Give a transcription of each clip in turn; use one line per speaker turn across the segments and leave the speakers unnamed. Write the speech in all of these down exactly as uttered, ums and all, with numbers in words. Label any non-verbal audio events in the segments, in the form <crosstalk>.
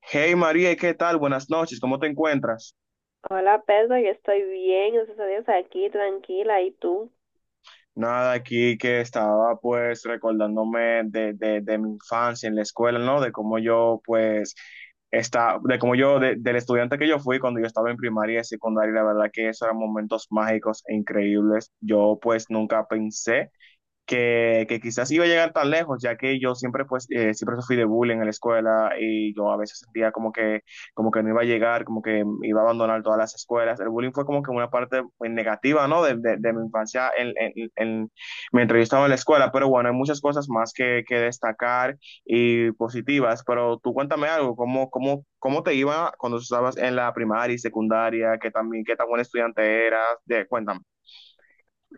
Hey María, ¿qué tal? Buenas noches, ¿cómo te encuentras?
Hola Pedro, yo estoy bien, gracias a Dios, aquí tranquila. ¿Y tú?
Nada, aquí que estaba pues recordándome de, de, de mi infancia en la escuela, ¿no? De cómo yo pues está, de cómo yo, de- del estudiante que yo fui cuando yo estaba en primaria y secundaria, la verdad que esos eran momentos mágicos e increíbles. Yo pues nunca pensé que, que quizás iba a llegar tan lejos, ya que yo siempre, pues, eh, siempre sufrí de bullying en la escuela y yo a veces sentía como que, como que no iba a llegar, como que iba a abandonar todas las escuelas. El bullying fue como que una parte pues, negativa, ¿no? De, de- de mi infancia en, en, en- mientras yo estaba en la escuela, pero bueno, hay muchas cosas más que, que destacar y positivas, pero tú cuéntame algo, ¿cómo, cómo, cómo te iba cuando estabas en la primaria y secundaria? ¿Qué también, qué tan buen estudiante eras? De, cuéntame.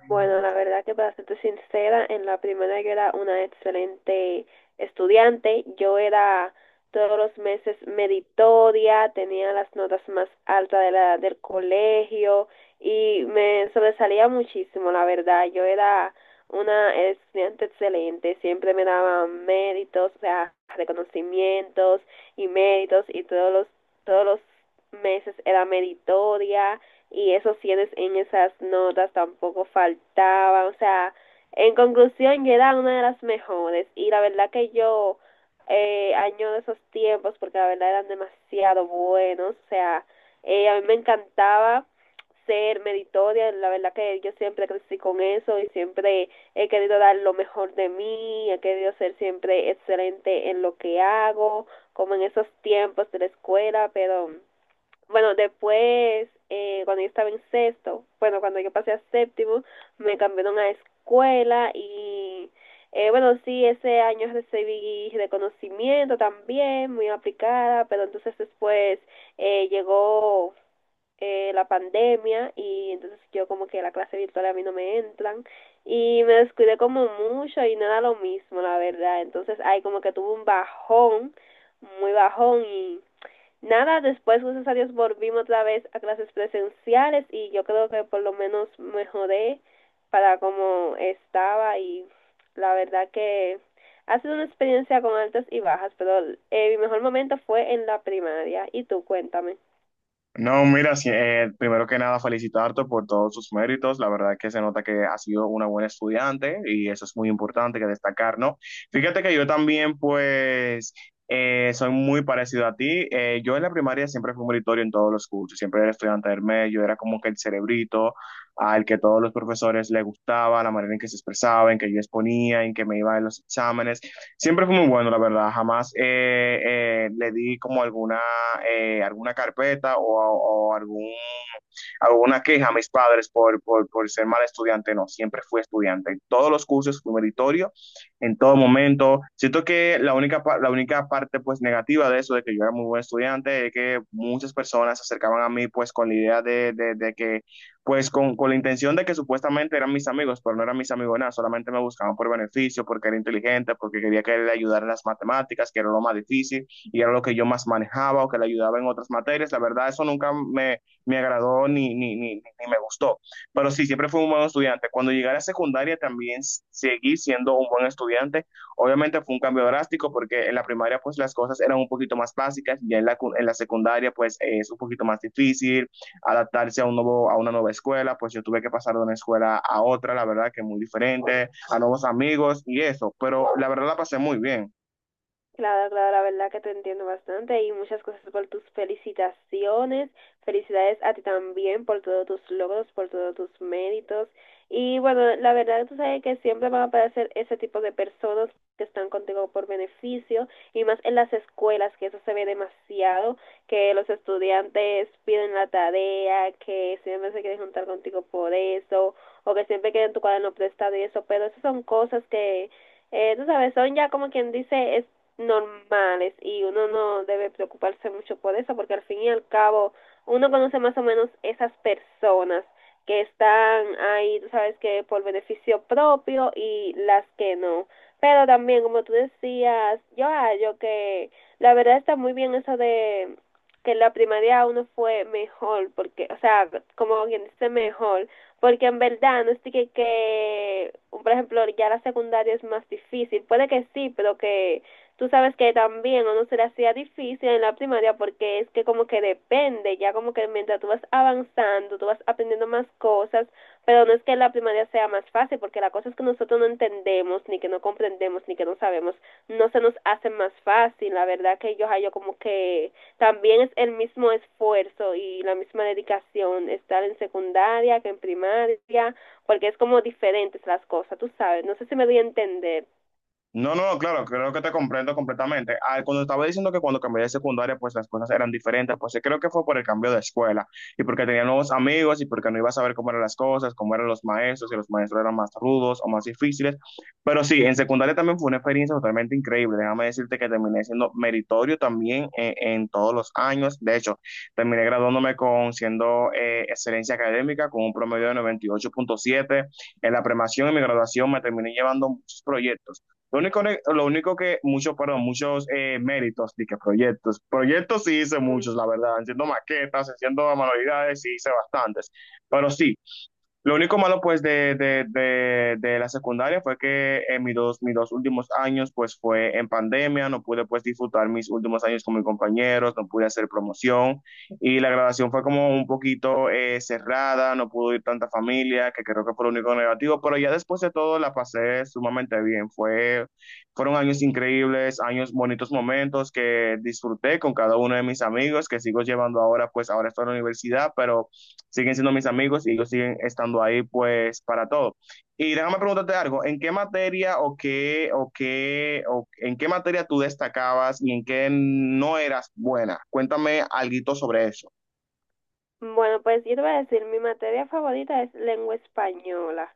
Bueno, la verdad que para serte sincera, en la primera yo era una excelente estudiante. Yo era todos los meses meritoria, tenía las notas más altas de la, del colegio y me sobresalía muchísimo, la verdad. Yo era una estudiante excelente, siempre me daban méritos, o sea, reconocimientos y méritos y todos los, todos los meses era meritoria, y esos cienes en esas notas tampoco faltaban. O sea, en conclusión, yo era una de las mejores y la verdad que yo eh, añoro esos tiempos porque la verdad eran demasiado buenos. O sea, eh, a mí me encantaba ser meritoria, la verdad que yo siempre crecí con eso y siempre he querido dar lo mejor de mí, he querido ser siempre excelente en lo que hago, como en esos tiempos de la escuela. Pero bueno, después, eh, cuando yo estaba en sexto, bueno, cuando yo pasé a séptimo, me cambiaron a escuela y, eh, bueno, sí, ese año recibí reconocimiento también, muy aplicada, pero entonces después eh, llegó eh, la pandemia, y entonces yo como que la clase virtual a mí no me entran y me descuidé como mucho y no era lo mismo, la verdad. Entonces ahí como que tuve un bajón, muy bajón, y nada, después, gracias a Dios, volvimos otra vez a clases presenciales y yo creo que por lo menos mejoré para como estaba. Y la verdad que ha sido una experiencia con altas y bajas, pero eh, mi mejor momento fue en la primaria. Y tú, cuéntame.
No, mira, sí, eh, primero que nada felicitarte por todos tus méritos. La verdad que se nota que has sido una buena estudiante y eso es muy importante que destacar, ¿no? Fíjate que yo también, pues, eh, soy muy parecido a ti. Eh, yo en la primaria siempre fui meritorio en todos los cursos, siempre era estudiante del medio, era como que el cerebrito al que todos los profesores le gustaba, la manera en que se expresaba, en que yo exponía, en que me iba en los exámenes. Siempre fue muy bueno, la verdad. Jamás eh, eh, le di como alguna, eh, alguna carpeta o, o algún, alguna queja a mis padres por, por, por ser mal estudiante. No, siempre fui estudiante. En todos los cursos fui meritorio, en todo momento. Siento que la única, pa- la única parte pues negativa de eso, de que yo era muy buen estudiante, es que muchas personas se acercaban a mí pues con la idea de, de, de que pues con, con la intención de que supuestamente eran mis amigos, pero no eran mis amigos nada, solamente me buscaban por beneficio, porque era inteligente, porque quería que le ayudara en las matemáticas, que era lo más difícil y era lo que yo más manejaba o que le ayudaba en otras materias. La verdad, eso nunca me, me agradó ni, ni, ni, ni me gustó. Pero sí, siempre fui un buen estudiante. Cuando llegué a la secundaria también seguí siendo un buen estudiante. Obviamente fue un cambio drástico porque en la primaria pues las cosas eran un poquito más básicas y en la, en la secundaria pues es un poquito más difícil, adaptarse a, un nuevo, a una nueva escuela, pues yo tuve que pasar de una escuela a otra, la verdad que muy diferente, a nuevos amigos y eso, pero la verdad la pasé muy bien.
Claro, claro, la verdad que te entiendo bastante y muchas cosas por tus felicitaciones. Felicidades a ti también por todos tus logros, por todos tus méritos. Y bueno, la verdad tú sabes que siempre van a aparecer ese tipo de personas que están contigo por beneficio y más en las escuelas, que eso se ve demasiado, que los estudiantes piden la tarea, que siempre se quieren juntar contigo por eso, o que siempre quieren tu cuaderno prestado y eso, pero esas son cosas que eh, tú sabes, son ya como quien dice normales, y uno no debe preocuparse mucho por eso porque al fin y al cabo uno conoce más o menos esas personas que están ahí, tú sabes, que por beneficio propio y las que no. Pero también, como tú decías, yo hallo que la verdad está muy bien eso de que en la primaria uno fue mejor, porque, o sea, como quien dice mejor, porque en verdad no es que, que, por ejemplo, ya la secundaria es más difícil, puede que sí, pero que tú sabes que también a uno se le hacía difícil en la primaria porque es que como que depende, ya como que mientras tú vas avanzando, tú vas aprendiendo más cosas, pero no es que la primaria sea más fácil porque las cosas que nosotros no entendemos, ni que no comprendemos, ni que no sabemos, no se nos hacen más fácil. La verdad que yo hallo como que también es el mismo esfuerzo y la misma dedicación estar en secundaria que en primaria, porque es como diferentes las cosas, tú sabes, no sé si me doy a entender.
No, no, claro, creo que te comprendo completamente. Ah, cuando estaba diciendo que cuando cambié de secundaria, pues las cosas eran diferentes, pues sí, creo que fue por el cambio de escuela y porque tenía nuevos amigos y porque no iba a saber cómo eran las cosas, cómo eran los maestros, si los maestros eran más rudos o más difíciles. Pero sí, en secundaria también fue una experiencia totalmente increíble. Déjame decirte que terminé siendo meritorio también en, en todos los años. De hecho, terminé graduándome con siendo eh, excelencia académica con un promedio de noventa y ocho punto siete. En la premación y mi graduación me terminé llevando muchos proyectos. Lo único, lo único que, muchos, perdón, muchos eh, méritos, y que proyectos. Proyectos sí hice muchos, la verdad, haciendo maquetas, haciendo manualidades, sí hice bastantes. Pero sí, lo único malo pues de, de, de, de la secundaria fue que en mis dos, mis dos últimos años pues fue en pandemia, no pude pues disfrutar mis últimos años con mis compañeros, no pude hacer promoción y la graduación fue como un poquito eh, cerrada, no pudo ir tanta familia, que creo que fue lo único negativo, pero ya después de todo la pasé sumamente bien, fue, fueron años increíbles, años bonitos momentos que disfruté con cada uno de mis amigos que sigo llevando ahora pues ahora estoy en la universidad, pero siguen siendo mis amigos y ellos siguen estando ahí pues para todo. Y déjame preguntarte algo, ¿en qué materia o qué o qué o en qué materia tú destacabas y en qué no eras buena? Cuéntame algo sobre eso.
Bueno, pues yo te voy a decir, mi materia favorita es lengua española.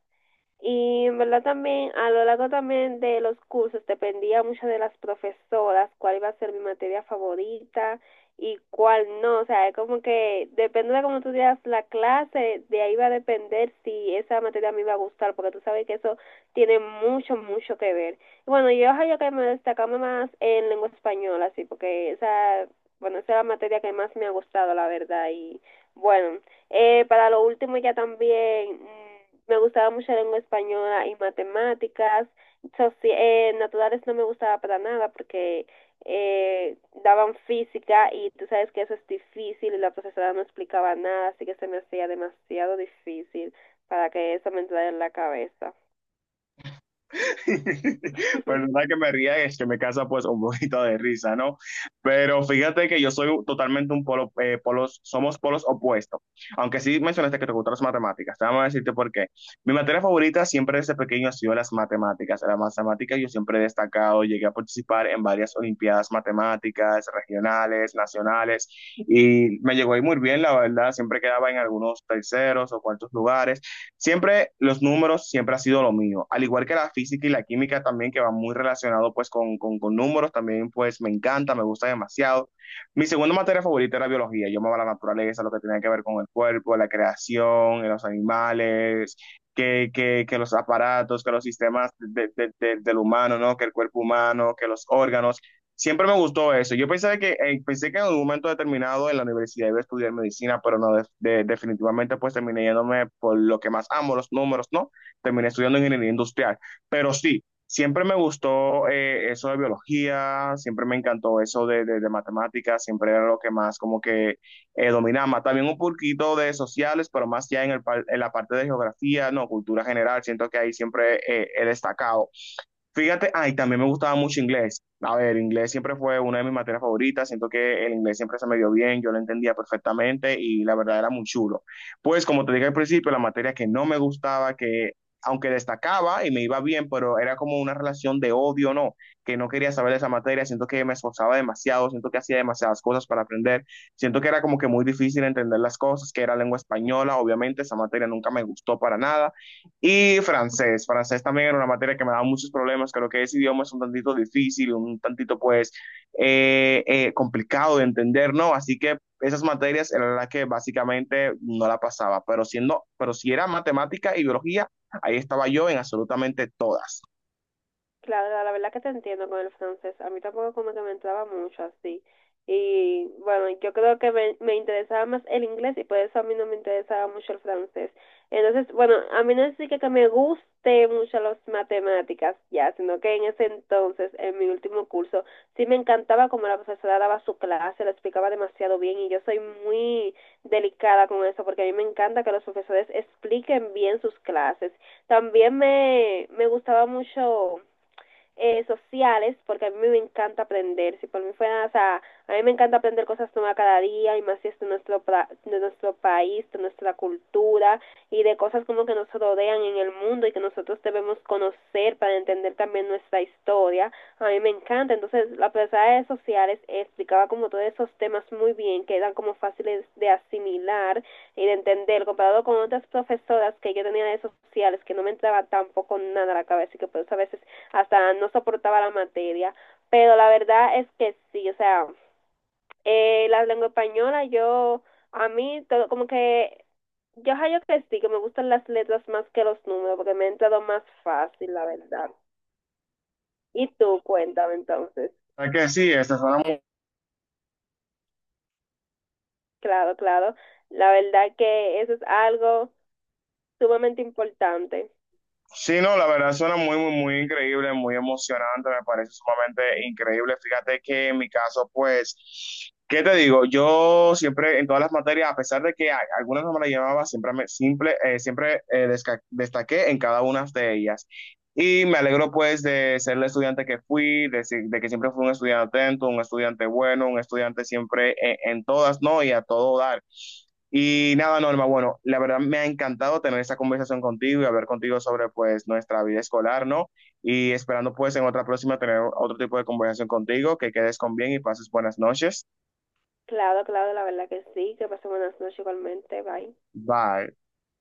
Y en verdad también, a lo largo también de los cursos, dependía mucho de las profesoras cuál iba a ser mi materia favorita y cuál no. O sea, es como que depende de cómo tú digas la clase, de ahí va a depender si esa materia a mí me va a gustar, porque tú sabes que eso tiene mucho, mucho que ver. Y bueno, yo creo que me destacaba más en lengua española, sí, porque esa, bueno, esa es la materia que más me ha gustado, la verdad. Y bueno. Eh, para lo último ya también mm, me gustaba mucho la lengua española y matemáticas. Soci- eh, naturales no me gustaba para nada porque eh, daban física y tú sabes que eso es difícil y la profesora no explicaba nada, así que se me hacía demasiado difícil para que eso me entrara en la cabeza.
<laughs>
<laughs>
Perdona que me ría, es que me casa pues un poquito de risa, ¿no? Pero fíjate que yo soy totalmente un polo, eh, polos, somos polos opuestos. Aunque sí mencionaste que te gustan las matemáticas, te vamos a decirte por qué. Mi materia favorita siempre desde pequeño ha sido las matemáticas. En las matemáticas yo siempre he destacado, llegué a participar en varias olimpiadas matemáticas, regionales, nacionales, y me llegó ahí muy bien, la verdad, siempre quedaba en algunos terceros o cuartos lugares. Siempre los números siempre ha sido lo mío, al igual que la física y la química también que van muy relacionado pues con, con, con números, también pues me encanta, me gusta demasiado. Mi segunda materia favorita era biología, yo amaba la naturaleza, lo que tenía que ver con el cuerpo, la creación, los animales, que, que, que los aparatos, que los sistemas de, de, de, del humano, ¿no? Que el cuerpo humano, que los órganos. Siempre me gustó eso. Yo pensé que, eh, pensé que en un momento determinado en la universidad iba a estudiar medicina, pero no, de- de- definitivamente pues terminé yéndome por lo que más amo, los números, ¿no? Terminé estudiando ingeniería industrial. Pero sí, siempre me gustó eh, eso de biología, siempre me encantó eso de, de, de matemáticas, siempre era lo que más como que eh, dominaba. También un poquito de sociales, pero más ya en, el, par- en la parte de geografía, no, cultura general. Siento que ahí siempre eh, he destacado. Fíjate, ay, también me gustaba mucho inglés. A ver, inglés siempre fue una de mis materias favoritas. Siento que el inglés siempre se me dio bien, yo lo entendía perfectamente y la verdad era muy chulo. Pues, como te dije al principio, la materia que no me gustaba, que aunque destacaba y me iba bien, pero era como una relación de odio, ¿no? Que no quería saber de esa materia. Siento que me esforzaba demasiado, siento que hacía demasiadas cosas para aprender. Siento que era como que muy difícil entender las cosas, que era lengua española. Obviamente, esa materia nunca me gustó para nada. Y francés, francés también era una materia que me daba muchos problemas, creo que ese idioma es un tantito difícil, un tantito pues eh, eh, complicado de entender, ¿no? Así que esas materias eran las que básicamente no la pasaba, pero siendo, pero si era matemática y biología, ahí estaba yo en absolutamente todas.
Claro, la verdad que te entiendo con el francés. A mí tampoco como que me entraba mucho así. Y bueno, yo creo que me, me interesaba más el inglés y por eso a mí no me interesaba mucho el francés. Entonces, bueno, a mí no es así que, que me guste mucho las matemáticas ya, sino que en ese entonces, en mi último curso, sí me encantaba como la profesora daba su clase, la explicaba demasiado bien y yo soy muy delicada con eso porque a mí me encanta que los profesores expliquen bien sus clases. También me, me gustaba mucho eh, sociales, porque a mí me encanta aprender. Si por mí fuera, o sea, a mí me encanta aprender cosas nuevas cada día y más si es de nuestro, de nuestro país, de nuestra cultura y de cosas como que nos rodean en el mundo y que nosotros debemos conocer para entender también nuestra historia. A mí me encanta. Entonces, la profesora de sociales explicaba como todos esos temas muy bien, que eran como fáciles de asimilar y de entender, comparado con otras profesoras que yo tenía de sociales, que no me entraba tampoco nada a la cabeza y que por eso a veces hasta no soportaba la materia, pero la verdad es que sí, o sea, eh, la lengua española yo, a mí, todo, como que yo hallo que sí, que me gustan las letras más que los números, porque me ha entrado más fácil, la verdad. Y tú, cuéntame entonces.
Es que sí, esas eran.
Claro, claro. La verdad que eso es algo sumamente importante.
Sí, no, la verdad suena muy, muy, muy increíble, muy emocionante, me parece sumamente increíble. Fíjate que en mi caso, pues, ¿qué te digo? Yo siempre en todas las materias, a pesar de que a- algunas no me las llevaba, siempre, me, simple, eh, siempre eh, desca- destaqué en cada una de ellas. Y me alegro, pues, de ser el estudiante que fui, de, si- de que siempre fui un estudiante atento, un estudiante bueno, un estudiante siempre en, en todas, ¿no? Y a todo dar. Y nada, Norma, bueno, la verdad me ha encantado tener esta conversación contigo y hablar contigo sobre pues nuestra vida escolar, ¿no? Y esperando pues en otra próxima tener otro tipo de conversación contigo, que quedes con bien y pases buenas noches.
Claro, claro, la verdad que sí. Que pasen buenas noches igualmente. Bye.
Bye.